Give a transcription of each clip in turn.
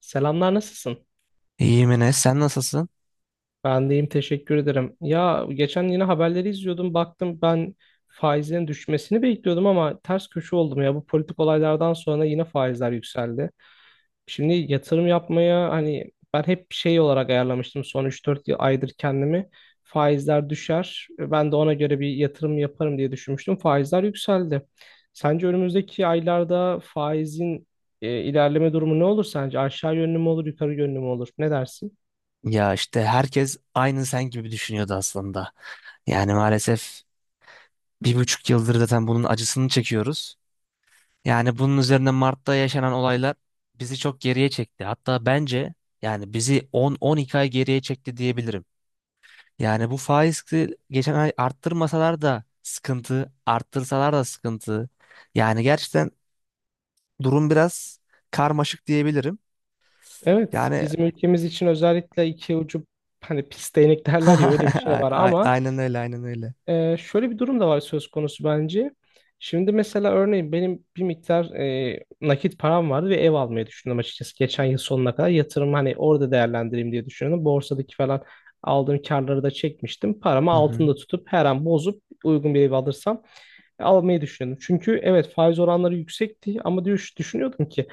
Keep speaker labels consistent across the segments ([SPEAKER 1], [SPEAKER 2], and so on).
[SPEAKER 1] Selamlar, nasılsın?
[SPEAKER 2] İyiyim Enes, sen nasılsın?
[SPEAKER 1] Ben deyim, teşekkür ederim. Ya geçen yine haberleri izliyordum, baktım ben faizlerin düşmesini bekliyordum ama ters köşe oldum ya. Bu politik olaylardan sonra yine faizler yükseldi. Şimdi yatırım yapmaya hani ben hep şey olarak ayarlamıştım son üç dört aydır kendimi. Faizler düşer ben de ona göre bir yatırım yaparım diye düşünmüştüm. Faizler yükseldi. Sence önümüzdeki aylarda faizin ilerleme durumu ne olur sence? Aşağı yönlü mü olur, yukarı yönlü mü olur? Ne dersin?
[SPEAKER 2] Ya işte herkes aynı sen gibi düşünüyordu aslında. Yani maalesef 1,5 yıldır zaten bunun acısını çekiyoruz. Yani bunun üzerine Mart'ta yaşanan olaylar bizi çok geriye çekti. Hatta bence yani bizi 10-12 ay geriye çekti diyebilirim. Yani bu faizi geçen ay arttırmasalar da sıkıntı, arttırsalar da sıkıntı. Yani gerçekten durum biraz karmaşık diyebilirim.
[SPEAKER 1] Evet,
[SPEAKER 2] Yani
[SPEAKER 1] bizim ülkemiz için özellikle iki ucu hani pis değnek derler ya, öyle bir şey var ama
[SPEAKER 2] aynen öyle, aynen öyle.
[SPEAKER 1] şöyle bir durum da var söz konusu bence. Şimdi mesela örneğin benim bir miktar nakit param vardı ve ev almayı düşündüm açıkçası. Geçen yıl sonuna kadar yatırım hani orada değerlendireyim diye düşünüyordum. Borsadaki falan aldığım karları da çekmiştim. Paramı
[SPEAKER 2] Hı hı.
[SPEAKER 1] altında tutup her an bozup uygun bir ev alırsam almayı düşünüyordum. Çünkü evet, faiz oranları yüksekti ama düşünüyordum ki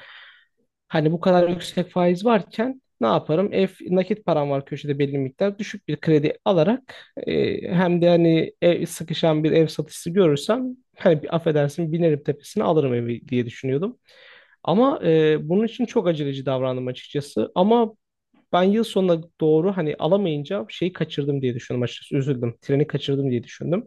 [SPEAKER 1] hani bu kadar yüksek faiz varken ne yaparım? Ev nakit param var köşede belli miktar. Düşük bir kredi alarak hem de hani ev, sıkışan bir ev satışı görürsem hani bir, affedersin, binerim tepesine alırım evi diye düşünüyordum. Ama bunun için çok aceleci davrandım açıkçası. Ama ben yıl sonuna doğru hani alamayınca şeyi kaçırdım diye düşündüm açıkçası. Üzüldüm. Treni kaçırdım diye düşündüm.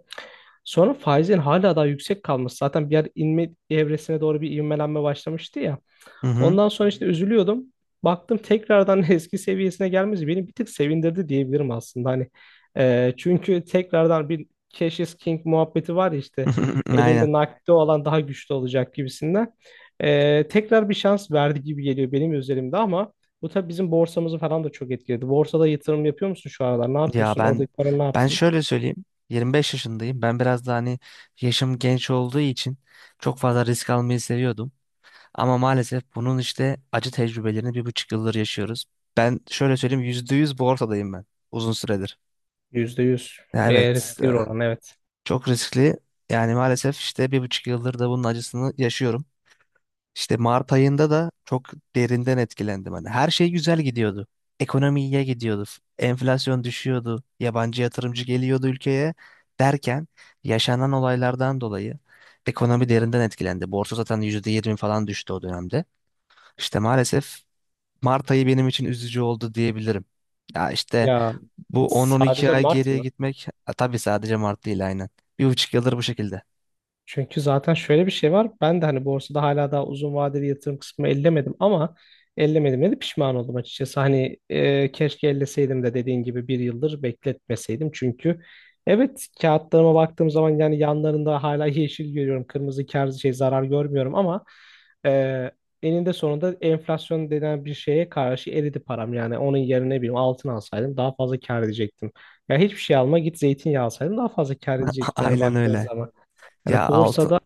[SPEAKER 1] Sonra faizin hala daha yüksek kalması. Zaten bir yer inme evresine doğru bir ivmelenme başlamıştı ya.
[SPEAKER 2] Hı hı.
[SPEAKER 1] Ondan sonra işte üzülüyordum. Baktım tekrardan eski seviyesine gelmesi beni bir tık sevindirdi diyebilirim aslında. Hani çünkü tekrardan bir Cash is King muhabbeti var ya işte,
[SPEAKER 2] Aynen.
[SPEAKER 1] elinde nakdi olan daha güçlü olacak gibisinden. Tekrar bir şans verdi gibi geliyor benim üzerimde ama bu tabii bizim borsamızı falan da çok etkiledi. Borsada yatırım yapıyor musun şu aralar? Ne
[SPEAKER 2] Ya
[SPEAKER 1] yapıyorsun?
[SPEAKER 2] ben
[SPEAKER 1] Oradaki paran ne
[SPEAKER 2] ben
[SPEAKER 1] yapsın?
[SPEAKER 2] şöyle söyleyeyim. 25 yaşındayım. Ben biraz da hani yaşım genç olduğu için çok fazla risk almayı seviyordum. Ama maalesef bunun işte acı tecrübelerini bir buçuk yıldır yaşıyoruz. Ben şöyle söyleyeyim %100 borsadayım ben uzun süredir.
[SPEAKER 1] %100?
[SPEAKER 2] Ya evet
[SPEAKER 1] Riskli
[SPEAKER 2] e,
[SPEAKER 1] bir oran, evet.
[SPEAKER 2] çok riskli. Yani maalesef işte bir buçuk yıldır da bunun acısını yaşıyorum. İşte Mart ayında da çok derinden etkilendim. Hani her şey güzel gidiyordu. Ekonomi iyiye gidiyordu. Enflasyon düşüyordu. Yabancı yatırımcı geliyordu ülkeye derken yaşanan olaylardan dolayı ekonomi derinden etkilendi. Borsa zaten %20 falan düştü o dönemde. İşte maalesef Mart ayı benim için üzücü oldu diyebilirim. Ya işte
[SPEAKER 1] Ya
[SPEAKER 2] bu on-on iki
[SPEAKER 1] sadece
[SPEAKER 2] ay
[SPEAKER 1] Mart
[SPEAKER 2] geriye
[SPEAKER 1] mı?
[SPEAKER 2] gitmek ha, tabii sadece Mart değil aynen. Bir buçuk yıldır bu şekilde.
[SPEAKER 1] Çünkü zaten şöyle bir şey var. Ben de hani borsada hala daha uzun vadeli yatırım kısmı ellemedim ama ellemedim de pişman oldum açıkçası. Hani keşke elleseydim de dediğin gibi bir yıldır bekletmeseydim. Çünkü evet, kağıtlarıma baktığım zaman yani yanlarında hala yeşil görüyorum. Kırmızı kar şey zarar görmüyorum ama e, eninde sonunda enflasyon denen bir şeye karşı eridi param. Yani onun yerine ne bileyim altın alsaydım daha fazla kar edecektim. Ya hiçbir şey alma, git zeytinyağı alsaydım daha fazla kar edecektim yani
[SPEAKER 2] Aynen
[SPEAKER 1] baktığınız
[SPEAKER 2] öyle.
[SPEAKER 1] zaman. Yani
[SPEAKER 2] Ya
[SPEAKER 1] borsada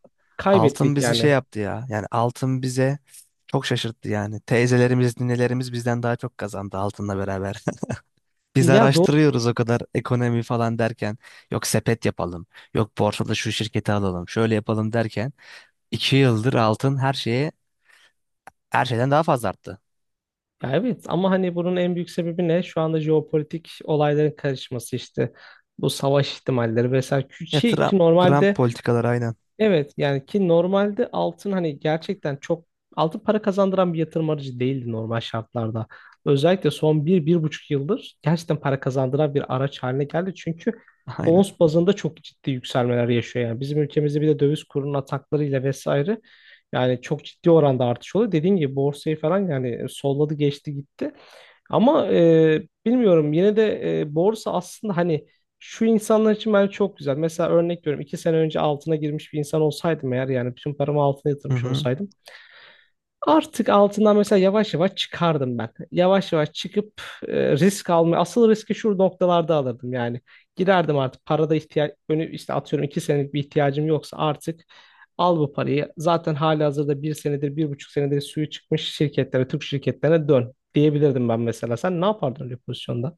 [SPEAKER 2] altın
[SPEAKER 1] kaybettik
[SPEAKER 2] bizi şey
[SPEAKER 1] yani.
[SPEAKER 2] yaptı ya. Yani altın bize çok şaşırttı yani. Teyzelerimiz, ninelerimiz bizden daha çok kazandı altınla beraber. Biz
[SPEAKER 1] Ya, doğru.
[SPEAKER 2] araştırıyoruz o kadar ekonomi falan derken. Yok sepet yapalım. Yok borsada şu şirketi alalım. Şöyle yapalım derken. 2 yıldır altın her şeye her şeyden daha fazla arttı.
[SPEAKER 1] Ya evet ama hani bunun en büyük sebebi ne? Şu anda jeopolitik olayların karışması işte. Bu savaş ihtimalleri vesaire.
[SPEAKER 2] Ya
[SPEAKER 1] Ki,
[SPEAKER 2] Trump,
[SPEAKER 1] ki
[SPEAKER 2] Trump
[SPEAKER 1] normalde,
[SPEAKER 2] politikaları aynen.
[SPEAKER 1] evet yani ki normalde altın hani gerçekten çok altın para kazandıran bir yatırım aracı değildi normal şartlarda. Özellikle son bir, bir buçuk yıldır gerçekten para kazandıran bir araç haline geldi. Çünkü
[SPEAKER 2] Aynen.
[SPEAKER 1] ons bazında çok ciddi yükselmeler yaşıyor yani. Bizim ülkemizde bir de döviz kurunun ataklarıyla vesaire, yani çok ciddi oranda artış oluyor. Dediğim gibi borsayı falan yani solladı, geçti gitti. Ama bilmiyorum, yine de borsa aslında hani şu insanlar için bence çok güzel. Mesela örnek veriyorum, 2 sene önce altına girmiş bir insan olsaydım eğer, yani bütün paramı altına
[SPEAKER 2] Hı
[SPEAKER 1] yatırmış
[SPEAKER 2] hı.
[SPEAKER 1] olsaydım. Artık altından mesela yavaş yavaş çıkardım ben. Yavaş yavaş çıkıp risk almaya, asıl riski şu noktalarda alırdım yani. Girerdim artık, parada ihtiyaç önü işte atıyorum, 2 senelik bir ihtiyacım yoksa artık al bu parayı. Zaten halihazırda bir senedir, bir buçuk senedir suyu çıkmış şirketlere, Türk şirketlerine dön diyebilirdim ben mesela. Sen ne yapardın öyle bir pozisyonda?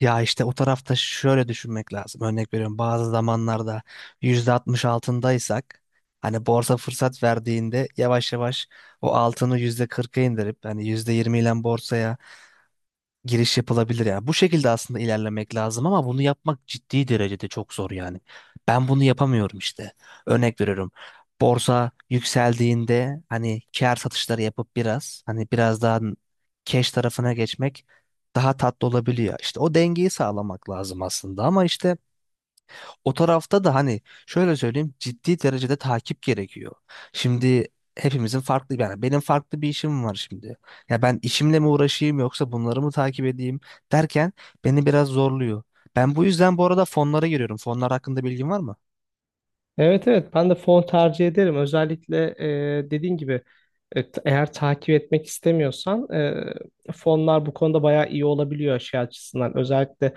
[SPEAKER 2] Ya işte o tarafta şöyle düşünmek lazım. Örnek veriyorum bazı zamanlarda %60 altındaysak hani borsa fırsat verdiğinde yavaş yavaş o altını %40'a indirip hani %20 ile borsaya giriş yapılabilir yani. Bu şekilde aslında ilerlemek lazım ama bunu yapmak ciddi derecede çok zor yani. Ben bunu yapamıyorum işte. Örnek veriyorum. Borsa yükseldiğinde hani kâr satışları yapıp biraz hani biraz daha cash tarafına geçmek daha tatlı olabiliyor. İşte o dengeyi sağlamak lazım aslında ama işte o tarafta da hani şöyle söyleyeyim ciddi derecede takip gerekiyor. Şimdi hepimizin farklı yani benim farklı bir işim var şimdi. Ya ben işimle mi uğraşayım yoksa bunları mı takip edeyim derken beni biraz zorluyor. Ben bu yüzden bu arada fonlara giriyorum. Fonlar hakkında bilgin var mı?
[SPEAKER 1] Evet, evet, ben de fon tercih ederim. Özellikle dediğin gibi, eğer takip etmek istemiyorsan fonlar bu konuda bayağı iyi olabiliyor şey açısından. Özellikle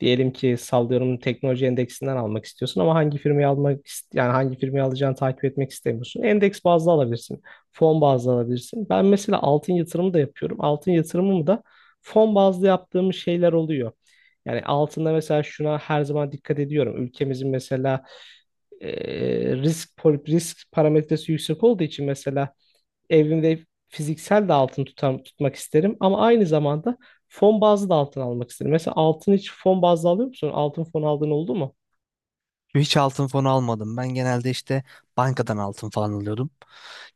[SPEAKER 1] diyelim ki sallıyorum teknoloji endeksinden almak istiyorsun ama hangi firmayı almak yani hangi firmayı alacağını takip etmek istemiyorsun. Endeks bazlı alabilirsin. Fon bazlı alabilirsin. Ben mesela altın yatırımı da yapıyorum. Altın yatırımımı da fon bazlı yaptığım şeyler oluyor. Yani altında mesela şuna her zaman dikkat ediyorum. Ülkemizin mesela risk parametresi yüksek olduğu için mesela evimde fiziksel de altın tutmak isterim ama aynı zamanda fon bazlı da altın almak isterim. Mesela altın hiç fon bazlı alıyor musun? Altın fon aldığın oldu mu?
[SPEAKER 2] Hiç altın fonu almadım. Ben genelde işte bankadan altın falan alıyordum.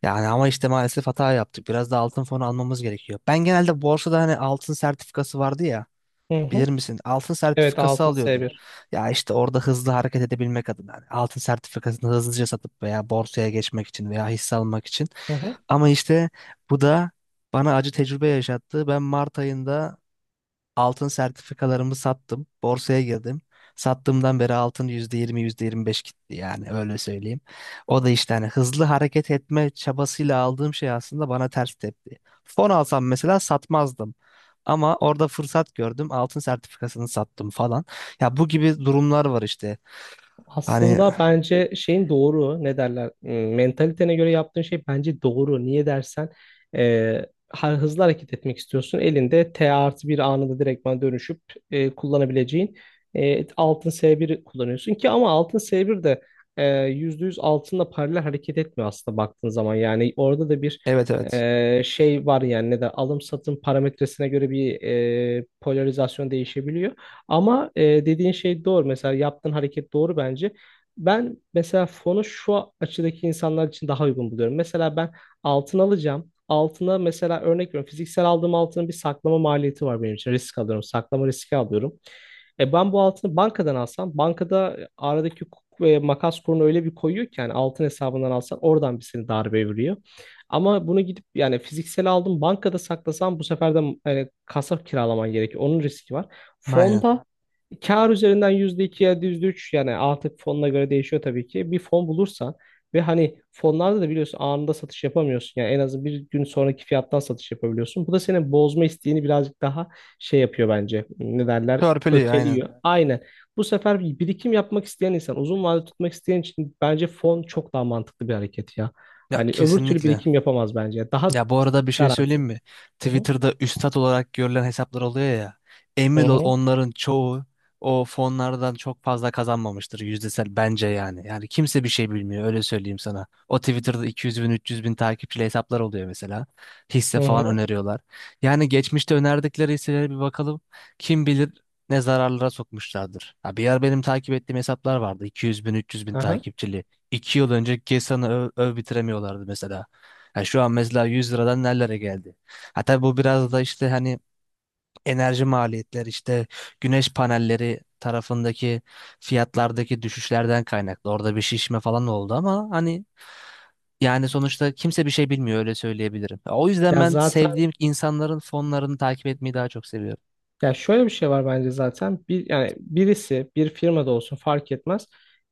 [SPEAKER 2] Yani ama işte maalesef hata yaptık. Biraz da altın fonu almamız gerekiyor. Ben genelde borsada hani altın sertifikası vardı ya.
[SPEAKER 1] Hı hı.
[SPEAKER 2] Bilir misin? Altın
[SPEAKER 1] Evet,
[SPEAKER 2] sertifikası
[SPEAKER 1] altın
[SPEAKER 2] alıyordum.
[SPEAKER 1] S1.
[SPEAKER 2] Ya işte orada hızlı hareket edebilmek adına hani altın sertifikasını hızlıca satıp veya borsaya geçmek için veya hisse almak için.
[SPEAKER 1] Hı hı.
[SPEAKER 2] Ama işte bu da bana acı tecrübe yaşattı. Ben Mart ayında altın sertifikalarımı sattım. Borsaya girdim. Sattığımdan beri altın %20, %25 gitti yani öyle söyleyeyim. O da işte hani hızlı hareket etme çabasıyla aldığım şey aslında bana ters tepti. Fon alsam mesela satmazdım. Ama orada fırsat gördüm. Altın sertifikasını sattım falan. Ya bu gibi durumlar var işte. Hani
[SPEAKER 1] Aslında bence şeyin doğru, ne derler, mentalitene göre yaptığın şey bence doğru. Niye dersen hızlı hareket etmek istiyorsun. Elinde T artı bir anında direktman dönüşüp kullanabileceğin altın S1 kullanıyorsun ki ama altın S1 de %100 altınla paralel hareket etmiyor aslında baktığın zaman. Yani orada da bir
[SPEAKER 2] evet evet.
[SPEAKER 1] şey var yani, ne der, alım satım parametresine göre bir polarizasyon değişebiliyor. Ama dediğin şey doğru. Mesela yaptığın hareket doğru bence. Ben mesela fonu şu açıdaki insanlar için daha uygun buluyorum. Mesela ben altın alacağım. Altına mesela örnek veriyorum. Fiziksel aldığım altının bir saklama maliyeti var benim için. Risk alıyorum. Saklama riski alıyorum. E ben bu altını bankadan alsam, bankada aradaki hukuk ve makas kurunu öyle bir koyuyor ki yani altın hesabından alsan oradan bir seni darbe vuruyor. Ama bunu gidip yani fiziksel aldım bankada saklasam bu sefer de yani kasa kiralaman gerekiyor. Onun riski var.
[SPEAKER 2] Aynen.
[SPEAKER 1] Fonda kar üzerinden %2 ya da yüzde üç, yani artık fonuna göre değişiyor tabii ki. Bir fon bulursan ve hani fonlarda da biliyorsun anında satış yapamıyorsun. Yani en azı bir gün sonraki fiyattan satış yapabiliyorsun. Bu da senin bozma isteğini birazcık daha şey yapıyor bence. Ne derler?
[SPEAKER 2] Törpülüyor aynen.
[SPEAKER 1] Öteliyor. Aynen. Bu sefer bir birikim yapmak isteyen insan, uzun vadede tutmak isteyen için bence fon çok daha mantıklı bir hareket ya.
[SPEAKER 2] Ya
[SPEAKER 1] Hani öbür türlü
[SPEAKER 2] kesinlikle.
[SPEAKER 1] birikim yapamaz bence. Daha
[SPEAKER 2] Ya bu arada bir şey söyleyeyim
[SPEAKER 1] garanti.
[SPEAKER 2] mi?
[SPEAKER 1] Hı hı.
[SPEAKER 2] Twitter'da üstat olarak görülen hesaplar oluyor ya.
[SPEAKER 1] Hı
[SPEAKER 2] Emin ol
[SPEAKER 1] hı.
[SPEAKER 2] onların çoğu o fonlardan çok fazla kazanmamıştır yüzdesel bence yani. Yani kimse bir şey bilmiyor öyle söyleyeyim sana. O Twitter'da 200 bin 300 bin takipçili hesaplar oluyor mesela. Hisse
[SPEAKER 1] Hı
[SPEAKER 2] falan
[SPEAKER 1] hı.
[SPEAKER 2] öneriyorlar. Yani geçmişte önerdikleri hisselere bir bakalım. Kim bilir ne zararlara sokmuşlardır. Ha, bir yer benim takip ettiğim hesaplar vardı. 200 bin 300 bin
[SPEAKER 1] Aha.
[SPEAKER 2] takipçili. 2 yıl önce Gesan'ı öv bitiremiyorlardı mesela. Ha şu an mesela 100 liradan nerelere geldi? Ha tabii bu biraz da işte hani enerji maliyetleri işte güneş panelleri tarafındaki fiyatlardaki düşüşlerden kaynaklı. Orada bir şişme falan oldu ama hani yani sonuçta kimse bir şey bilmiyor öyle söyleyebilirim. Ya, o yüzden
[SPEAKER 1] Ya
[SPEAKER 2] ben
[SPEAKER 1] zaten,
[SPEAKER 2] sevdiğim insanların fonlarını takip etmeyi daha çok seviyorum.
[SPEAKER 1] ya şöyle bir şey var bence zaten. Bir, yani birisi bir firmada olsun fark etmez.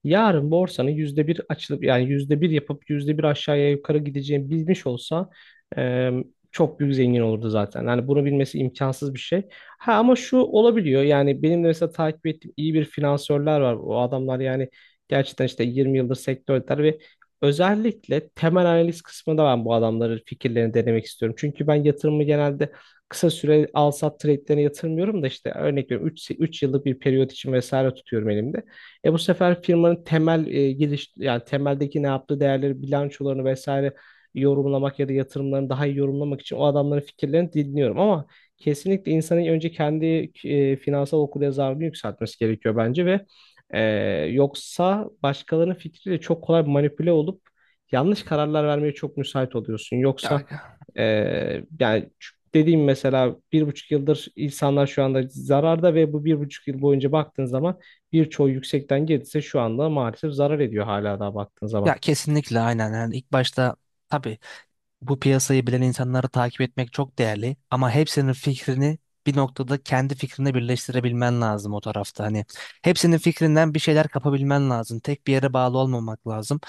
[SPEAKER 1] Yarın borsanın yüzde bir açılıp yani yüzde bir yapıp yüzde bir aşağıya yukarı gideceğini bilmiş olsa e, çok büyük zengin olurdu zaten. Yani bunu bilmesi imkansız bir şey. Ha ama şu olabiliyor, yani benim de mesela takip ettiğim iyi bir finansörler var. O adamlar yani gerçekten işte 20 yıldır sektördeler ve özellikle temel analiz kısmında ben bu adamların fikirlerini denemek istiyorum. Çünkü ben yatırımı genelde kısa süre al sat trade'lerine yatırmıyorum da işte örnek veriyorum 3 yıllık bir periyot için vesaire tutuyorum elimde. E bu sefer firmanın temel giriş yani temeldeki ne yaptığı değerleri, bilançolarını vesaire yorumlamak ya da yatırımlarını daha iyi yorumlamak için o adamların fikirlerini dinliyorum ama kesinlikle insanın önce kendi finansal okuryazarlığını yükseltmesi gerekiyor bence ve e, yoksa başkalarının fikriyle çok kolay manipüle olup yanlış kararlar vermeye çok müsait oluyorsun. Yoksa
[SPEAKER 2] Ya,
[SPEAKER 1] e, yani dediğim mesela bir buçuk yıldır insanlar şu anda zararda ve bu bir buçuk yıl boyunca baktığın zaman birçoğu yüksekten gelirse şu anda maalesef zarar ediyor hala daha baktığın
[SPEAKER 2] ya,
[SPEAKER 1] zaman.
[SPEAKER 2] kesinlikle aynen. Yani ilk başta tabii bu piyasayı bilen insanları takip etmek çok değerli ama hepsinin fikrini bir noktada kendi fikrine birleştirebilmen lazım o tarafta. Hani hepsinin fikrinden bir şeyler kapabilmen lazım. Tek bir yere bağlı olmamak lazım.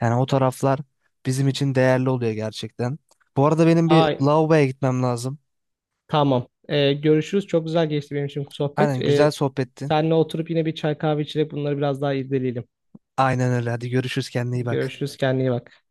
[SPEAKER 2] Yani o taraflar bizim için değerli oluyor gerçekten. Bu arada benim bir
[SPEAKER 1] Ay,
[SPEAKER 2] lavaboya gitmem lazım.
[SPEAKER 1] tamam. Görüşürüz. Çok güzel geçti benim için bu sohbet.
[SPEAKER 2] Aynen güzel sohbetti.
[SPEAKER 1] Seninle oturup yine bir çay kahve içerek bunları biraz daha irdeleyelim.
[SPEAKER 2] Aynen öyle. Hadi görüşürüz, kendine iyi bak.
[SPEAKER 1] Görüşürüz. Kendine iyi bak.